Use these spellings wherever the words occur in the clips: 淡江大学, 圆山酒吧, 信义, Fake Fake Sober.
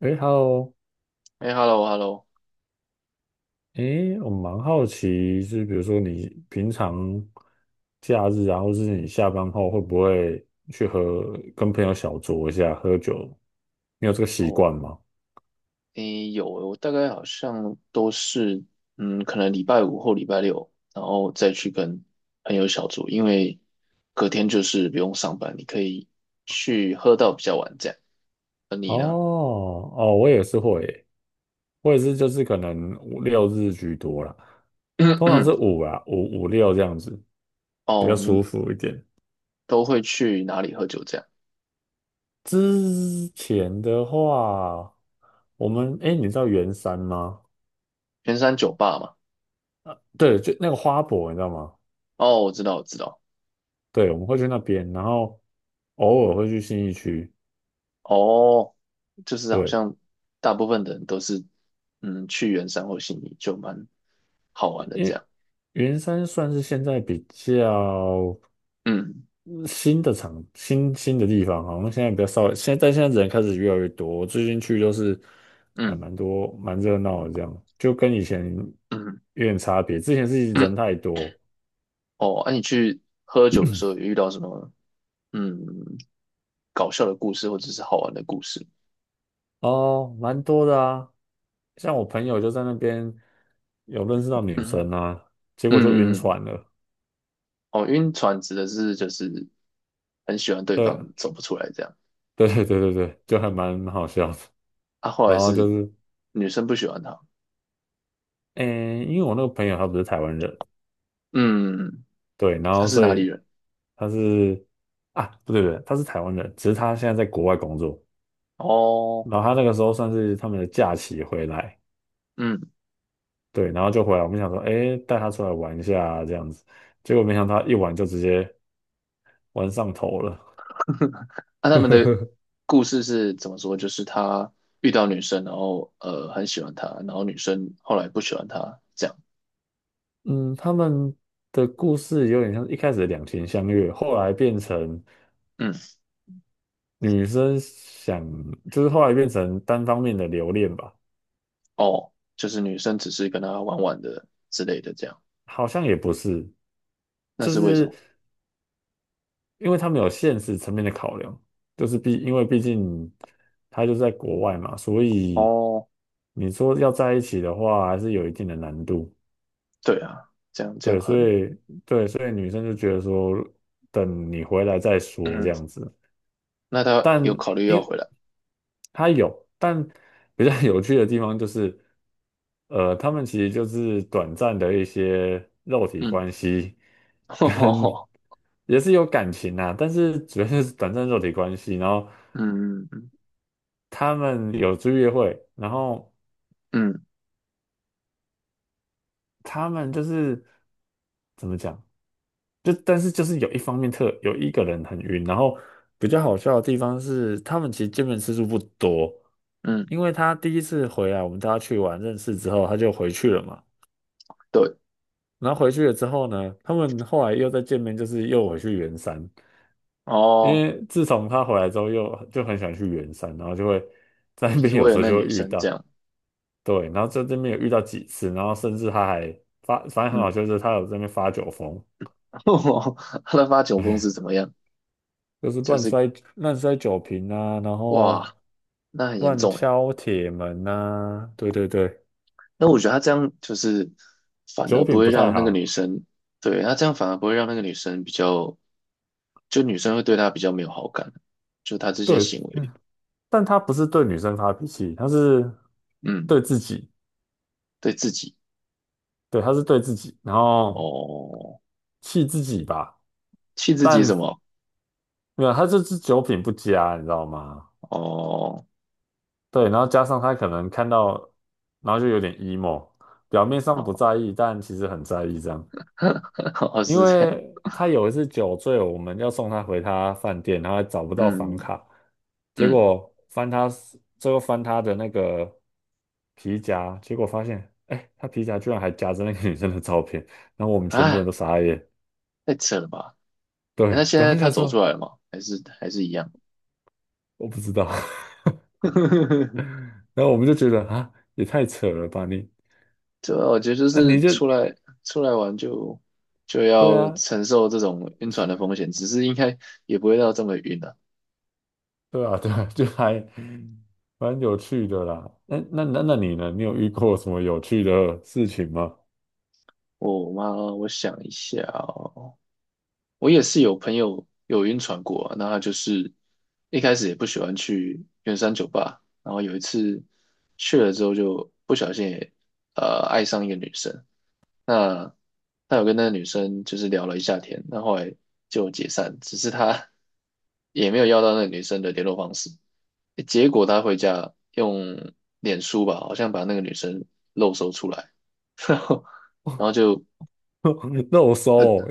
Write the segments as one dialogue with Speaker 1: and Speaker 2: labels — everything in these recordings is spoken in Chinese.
Speaker 1: 哎，Hello，
Speaker 2: 哎，hello，hello。
Speaker 1: 哎，我蛮好奇，就是比如说你平常假日啊，或是你下班后，会不会去和跟朋友小酌一下喝酒？你有这个习
Speaker 2: 哦，
Speaker 1: 惯吗？
Speaker 2: 哎，有，我大概好像都是，嗯，可能礼拜五或礼拜六，然后再去跟朋友小酌，因为隔天就是不用上班，你可以去喝到比较晚这样。而你呢？
Speaker 1: 哦，哦，我也是会耶，我也是，就是可能五六日居多啦，通常是 五啊，五五六这样子比较
Speaker 2: 哦，你们
Speaker 1: 舒服一点。
Speaker 2: 都会去哪里喝酒这样？
Speaker 1: 之前的话，我们哎，诶，你知道圆山吗？
Speaker 2: 圆山酒吧嘛。
Speaker 1: 对，就那个花博，你知道吗？
Speaker 2: 哦，我知道，我知道。
Speaker 1: 对，我们会去那边，然后偶尔会去信义区。
Speaker 2: 哦，就是好
Speaker 1: 对，
Speaker 2: 像大部分的人都是，嗯，去圆山或信义就蛮好玩的
Speaker 1: 因
Speaker 2: 这样。
Speaker 1: 为云山算是现在比较
Speaker 2: 嗯
Speaker 1: 嗯新的场，新的地方，好像现在比较少，但现在人开始越来越多。我最近去就是还
Speaker 2: 嗯
Speaker 1: 蛮多，蛮热闹的，这样就跟以前
Speaker 2: 嗯。
Speaker 1: 有点差别。之前是人 太多。
Speaker 2: 哦，你去喝酒的时候有遇到什么嗯搞笑的故事或者是好玩的故事？
Speaker 1: 哦，蛮多的啊。像我朋友就在那边有认识到女
Speaker 2: 嗯哼。
Speaker 1: 生啊，结果就晕
Speaker 2: 嗯嗯。
Speaker 1: 船了。
Speaker 2: 哦，晕船指的是就是很喜欢对
Speaker 1: 对，
Speaker 2: 方走不出来这样，
Speaker 1: 对对对对对，就还蛮好笑的。
Speaker 2: 啊，后
Speaker 1: 然
Speaker 2: 来
Speaker 1: 后就
Speaker 2: 是
Speaker 1: 是，
Speaker 2: 女生不喜欢他，
Speaker 1: 诶，因为我那个朋友他不是台湾人，
Speaker 2: 嗯，
Speaker 1: 对，然
Speaker 2: 他
Speaker 1: 后
Speaker 2: 是
Speaker 1: 所
Speaker 2: 哪
Speaker 1: 以
Speaker 2: 里人？
Speaker 1: 他是啊，不对不对，他是台湾人，只是他现在在国外工作，
Speaker 2: 哦。
Speaker 1: 然后他那个时候算是他们的假期回来，
Speaker 2: 嗯。
Speaker 1: 对，然后就回来，我们想说，诶，带他出来玩一下啊这样子，结果没想到他一玩就直接玩上头了。
Speaker 2: 他们的故事是怎么说？就是他遇到女生，然后很喜欢她，然后女生后来不喜欢他这样。
Speaker 1: 嗯，他们的故事有点像一开始的两情相悦，后来变成
Speaker 2: 嗯。
Speaker 1: 女生想，就是后来变成单方面的留恋吧。
Speaker 2: 哦，就是女生只是跟他玩玩的之类的这样。
Speaker 1: 好像也不是，
Speaker 2: 那
Speaker 1: 就
Speaker 2: 是为什么？
Speaker 1: 是因为他们有现实层面的考量，就是因为毕竟他就在国外嘛，所以
Speaker 2: 哦，
Speaker 1: 你说要在一起的话，还是有一定的难度。
Speaker 2: 对啊，这样这样
Speaker 1: 对，
Speaker 2: 合
Speaker 1: 所
Speaker 2: 理。
Speaker 1: 以女生就觉得说，等你回来再说这
Speaker 2: 嗯，
Speaker 1: 样子。
Speaker 2: 那他
Speaker 1: 但
Speaker 2: 有考虑
Speaker 1: 因
Speaker 2: 要回
Speaker 1: 为
Speaker 2: 来。
Speaker 1: 它有，比较有趣的地方就是，他们其实就是短暂的一些肉体
Speaker 2: 嗯。
Speaker 1: 关系，
Speaker 2: 嗯
Speaker 1: 跟
Speaker 2: 哦。
Speaker 1: 也是有感情啊，但是主要就是短暂肉体关系。然后
Speaker 2: 嗯嗯
Speaker 1: 他们有去约会，然后
Speaker 2: 嗯
Speaker 1: 他们就是怎么讲？但是有一方面有一个人很晕，然后比较好笑的地方是，他们其实见面次数不多，
Speaker 2: 嗯。
Speaker 1: 因为他第一次回来，我们大家去玩认识之后，他就回去了嘛。
Speaker 2: 对。
Speaker 1: 然后回去了之后呢，他们后来又再见面，就是又回去圆山，因
Speaker 2: 哦，
Speaker 1: 为自从他回来之后又就很喜欢去圆山，然后就会在那
Speaker 2: 就
Speaker 1: 边
Speaker 2: 是
Speaker 1: 有
Speaker 2: 为了
Speaker 1: 时候
Speaker 2: 那
Speaker 1: 就会
Speaker 2: 女
Speaker 1: 遇
Speaker 2: 生这
Speaker 1: 到，
Speaker 2: 样。
Speaker 1: 对，然后在这边有遇到几次，然后甚至他还反正很好
Speaker 2: 嗯。
Speaker 1: 笑，就是他有在那边发酒疯。
Speaker 2: 哦，他的发酒疯是怎么样？
Speaker 1: 就是
Speaker 2: 就
Speaker 1: 乱
Speaker 2: 是
Speaker 1: 摔乱摔酒瓶啊，然后
Speaker 2: 哇，那很严
Speaker 1: 乱
Speaker 2: 重哎。
Speaker 1: 敲铁门啊，对对对，
Speaker 2: 那我觉得他这样就是反
Speaker 1: 酒
Speaker 2: 而不
Speaker 1: 品
Speaker 2: 会
Speaker 1: 不
Speaker 2: 让
Speaker 1: 太
Speaker 2: 那个
Speaker 1: 好，
Speaker 2: 女生，对，他这样反而不会让那个女生比较，就女生会对他比较没有好感，就他这些
Speaker 1: 对，
Speaker 2: 行为，
Speaker 1: 嗯，但他不是对女生发脾气，他是
Speaker 2: 嗯，
Speaker 1: 对自己，
Speaker 2: 对自己，
Speaker 1: 对，他是对自己，然后
Speaker 2: 哦。
Speaker 1: 气自己吧，
Speaker 2: 气自己
Speaker 1: 但
Speaker 2: 什么？
Speaker 1: 没有，他就是酒品不佳，你知道吗？
Speaker 2: 哦。
Speaker 1: 对，然后加上他可能看到，然后就有点 emo，表面上
Speaker 2: 哦，
Speaker 1: 不在意，但其实很在意这样。
Speaker 2: 哦，
Speaker 1: 因
Speaker 2: 是这样。
Speaker 1: 为他有一次酒醉，我们要送他回他饭店，然后还找不到房
Speaker 2: 嗯
Speaker 1: 卡，结
Speaker 2: 嗯。
Speaker 1: 果最后翻他的那个皮夹，结果发现，哎，他皮夹居然还夹着那个女生的照片，然后我们全部人
Speaker 2: 啊，
Speaker 1: 都傻眼。
Speaker 2: 太扯了吧？诶，那
Speaker 1: 对，
Speaker 2: 现
Speaker 1: 等后
Speaker 2: 在
Speaker 1: 就
Speaker 2: 他
Speaker 1: 想
Speaker 2: 走出
Speaker 1: 说
Speaker 2: 来了吗？还是还是一样？
Speaker 1: 我不知道，然后我们就觉得啊，也太扯了吧你，
Speaker 2: 对啊，我觉得就
Speaker 1: 啊
Speaker 2: 是
Speaker 1: 你就
Speaker 2: 出来玩就
Speaker 1: 对
Speaker 2: 要
Speaker 1: 啊，
Speaker 2: 承受这种晕船的风险，只是应该也不会到这么晕的。啊，
Speaker 1: 对啊，对啊，就还蛮有趣的啦。那你呢？你有遇过什么有趣的事情吗？
Speaker 2: 我妈，我想一下哦。我也是有朋友有晕船过啊，那他就是一开始也不喜欢去圆山酒吧，然后有一次去了之后就不小心也爱上一个女生，那他有跟那个女生就是聊了一下天，那后来就解散，只是他 也没有要到那个女生的联络方式，结果他回家用脸书吧，好像把那个女生露搜出来。然后就
Speaker 1: 那我收哦，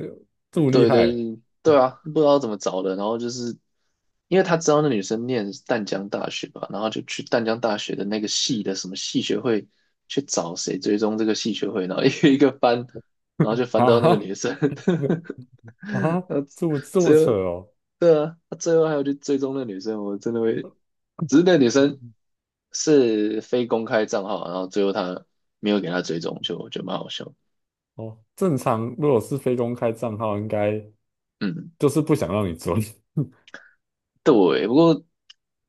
Speaker 1: 这么厉
Speaker 2: 对对
Speaker 1: 害。
Speaker 2: 嗯对啊，不知道怎么找的，然后就是因为他知道那女生念淡江大学吧，然后就去淡江大学的那个系的什么系学会去找谁追踪这个系学会，然后 一个一个翻，然后就 翻到那个
Speaker 1: 啊
Speaker 2: 女生，
Speaker 1: 啊，
Speaker 2: 然后
Speaker 1: 这么
Speaker 2: 最
Speaker 1: 扯
Speaker 2: 后
Speaker 1: 哦。
Speaker 2: 对啊，他最后还要去追踪那女生，我真的会，只是那女生是非公开账号啊，然后最后他没有给他追踪，就蛮好笑。
Speaker 1: 哦，正常如果是非公开账号，应该
Speaker 2: 嗯。
Speaker 1: 就是不想让你追。
Speaker 2: 对，不过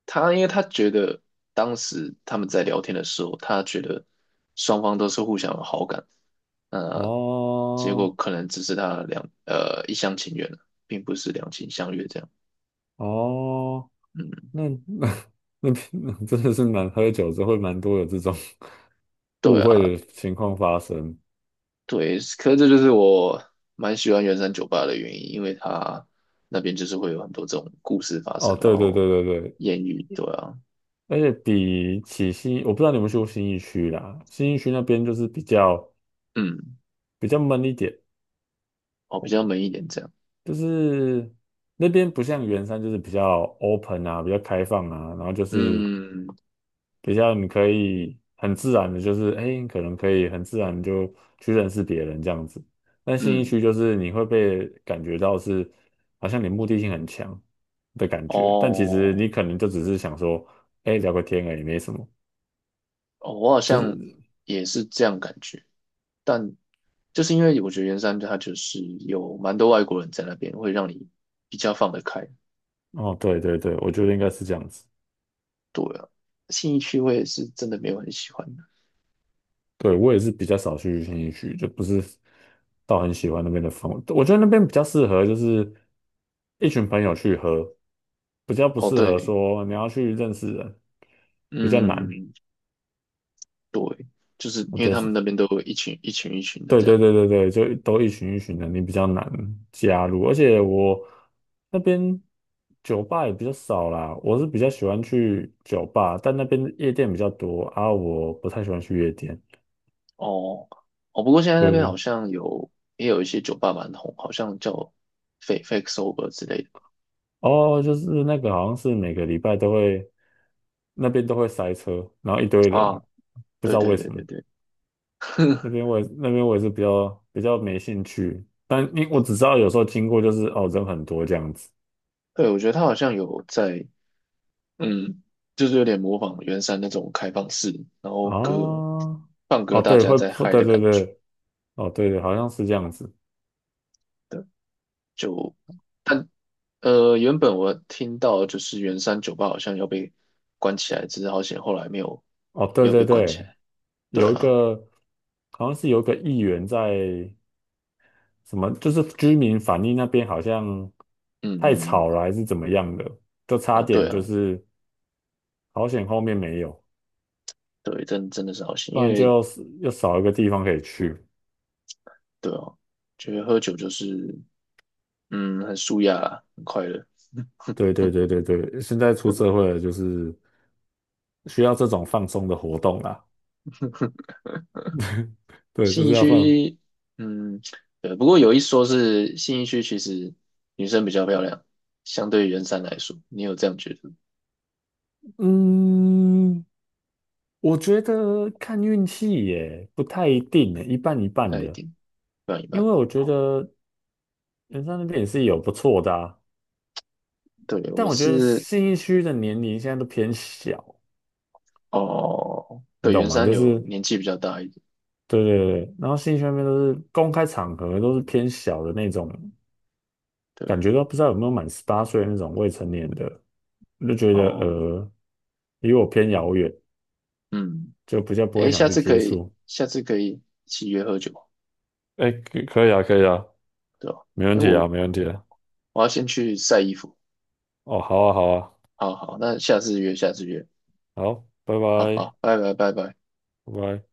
Speaker 2: 他因为他觉得当时他们在聊天的时候，他觉得双方都是互相有好感，那结果
Speaker 1: 哦
Speaker 2: 可能只是他两一厢情愿了，并不是两情相悦这样。
Speaker 1: 哦，
Speaker 2: 嗯。
Speaker 1: 那 那真的是蛮喝酒之后会蛮多有这种 误
Speaker 2: 对啊。
Speaker 1: 会的情况发生。
Speaker 2: 对，可是这就是我蛮喜欢圆山酒吧的原因，因为他那边就是会有很多这种故事发
Speaker 1: 哦，
Speaker 2: 生，然
Speaker 1: 对对
Speaker 2: 后
Speaker 1: 对对对，
Speaker 2: 艳遇，对啊。
Speaker 1: 而且比起新，我不知道你们去过新义区啦，新义区那边就是比较
Speaker 2: 嗯。
Speaker 1: 比较闷一点。
Speaker 2: 哦，比较闷一点这样。
Speaker 1: 就是那边不像圆山，就是比较 open 啊，比较开放啊，然后就是
Speaker 2: 嗯
Speaker 1: 比较你可以很自然的，就是哎，诶可能可以很自然地就去认识别人这样子。但信义
Speaker 2: 嗯。
Speaker 1: 区就是你会被感觉到是好像你目的性很强的感觉，但其实
Speaker 2: 哦。
Speaker 1: 你可能就只是想说，哎，聊个天而已，没什么。
Speaker 2: 哦，我好
Speaker 1: 就
Speaker 2: 像
Speaker 1: 是
Speaker 2: 也是这样感觉，但就是因为我觉得圆山它就是有蛮多外国人在那边，会让你比较放得开。
Speaker 1: 哦，对对对，我觉得应该是这样子。
Speaker 2: 对啊，信义区我也是真的没有很喜欢的。
Speaker 1: 对，我也是比较少去新一区，就不是到很喜欢那边的风。我觉得那边比较适合就是一群朋友去喝，比较不
Speaker 2: 哦，
Speaker 1: 适合
Speaker 2: 对。
Speaker 1: 说你要去认识人，比较难。
Speaker 2: 嗯。对，就是
Speaker 1: 我
Speaker 2: 因为
Speaker 1: 觉得
Speaker 2: 他
Speaker 1: 是，
Speaker 2: 们那边都有一群一群一群的
Speaker 1: 对
Speaker 2: 这
Speaker 1: 对
Speaker 2: 样。
Speaker 1: 对对对，就都一群一群的，你比较难加入。而且我那边酒吧也比较少啦，我是比较喜欢去酒吧，但那边夜店比较多啊，我不太喜欢去夜店。
Speaker 2: 哦。哦，不过现在那
Speaker 1: 对
Speaker 2: 边
Speaker 1: 对。
Speaker 2: 好像有也有一些酒吧蛮红，好像叫 Fake Fake Sober 之类的。
Speaker 1: 哦，就是那个好像是每个礼拜都会那边都会塞车，然后一堆人，
Speaker 2: 啊。
Speaker 1: 不知
Speaker 2: 对
Speaker 1: 道
Speaker 2: 对
Speaker 1: 为
Speaker 2: 对
Speaker 1: 什么。
Speaker 2: 对对，
Speaker 1: 那边我也是比较没兴趣，但因我只知道有时候经过就是哦人很多这样子。
Speaker 2: 对，我觉得他好像有在。嗯，就是有点模仿圆山那种开放式，然后歌
Speaker 1: 哦
Speaker 2: 放
Speaker 1: 哦，
Speaker 2: 歌大
Speaker 1: 对
Speaker 2: 家
Speaker 1: 会
Speaker 2: 在
Speaker 1: 破，
Speaker 2: 嗨
Speaker 1: 对
Speaker 2: 的
Speaker 1: 对
Speaker 2: 感
Speaker 1: 对。
Speaker 2: 觉。
Speaker 1: 哦，对对好像是这样子。
Speaker 2: 对，就，原本我听到就是圆山酒吧好像要被关起来，只是好险后来没有
Speaker 1: 哦对对
Speaker 2: 被关起
Speaker 1: 对，
Speaker 2: 来。对
Speaker 1: 有一
Speaker 2: 啊。
Speaker 1: 个好像是有一个议员在，什么就是居民反映那边好像
Speaker 2: 嗯
Speaker 1: 太
Speaker 2: 嗯。嗯。
Speaker 1: 吵了还是怎么样的，就差
Speaker 2: 哦对
Speaker 1: 点就
Speaker 2: 啊。
Speaker 1: 是，好险后面没有，
Speaker 2: 对，真的是好险，
Speaker 1: 不
Speaker 2: 因
Speaker 1: 然
Speaker 2: 为
Speaker 1: 就是又少一个地方可以去。
Speaker 2: 对哦，觉得喝酒就是很舒压啦很快乐。
Speaker 1: 对对对对对，现在出社会了，就是需要这种放松的活动啦。对，就
Speaker 2: 信义
Speaker 1: 是要放。
Speaker 2: 区，嗯，对，不过有一说是信义区其实女生比较漂亮，相对于圆山来说，你有这样觉得吗？
Speaker 1: 嗯，我觉得看运气耶，不太一定耶，一半一
Speaker 2: 不
Speaker 1: 半
Speaker 2: 太一
Speaker 1: 的。
Speaker 2: 定，一半一
Speaker 1: 因
Speaker 2: 半。
Speaker 1: 为我觉得人山那边也是有不错的啊，
Speaker 2: 对，
Speaker 1: 但
Speaker 2: 我
Speaker 1: 我觉得
Speaker 2: 是
Speaker 1: 信义区的年龄现在都偏小，
Speaker 2: 哦，
Speaker 1: 你
Speaker 2: 对，
Speaker 1: 懂
Speaker 2: 圆
Speaker 1: 吗？
Speaker 2: 山
Speaker 1: 就
Speaker 2: 有
Speaker 1: 是
Speaker 2: 年纪比较大一点。
Speaker 1: 对对对，然后信义区那边都是公开场合都是偏小的那种，
Speaker 2: 对。
Speaker 1: 感觉都不知道有没有满18岁那种未成年的。我就觉得
Speaker 2: 哦。
Speaker 1: 离我偏遥远，
Speaker 2: 嗯。
Speaker 1: 就比较不会
Speaker 2: 诶，
Speaker 1: 想
Speaker 2: 下
Speaker 1: 去
Speaker 2: 次可
Speaker 1: 接
Speaker 2: 以，
Speaker 1: 触。
Speaker 2: 下次可以一起约喝酒，
Speaker 1: 哎，可以啊，可以啊，
Speaker 2: 对吧？
Speaker 1: 没问
Speaker 2: 诶，
Speaker 1: 题啊，没问题啊。
Speaker 2: 我要先去晒衣服。
Speaker 1: 哦，好啊，好啊，
Speaker 2: 好好，那下次约，下次约。
Speaker 1: 好，拜
Speaker 2: 好
Speaker 1: 拜，
Speaker 2: 好，拜拜拜拜。
Speaker 1: 拜拜。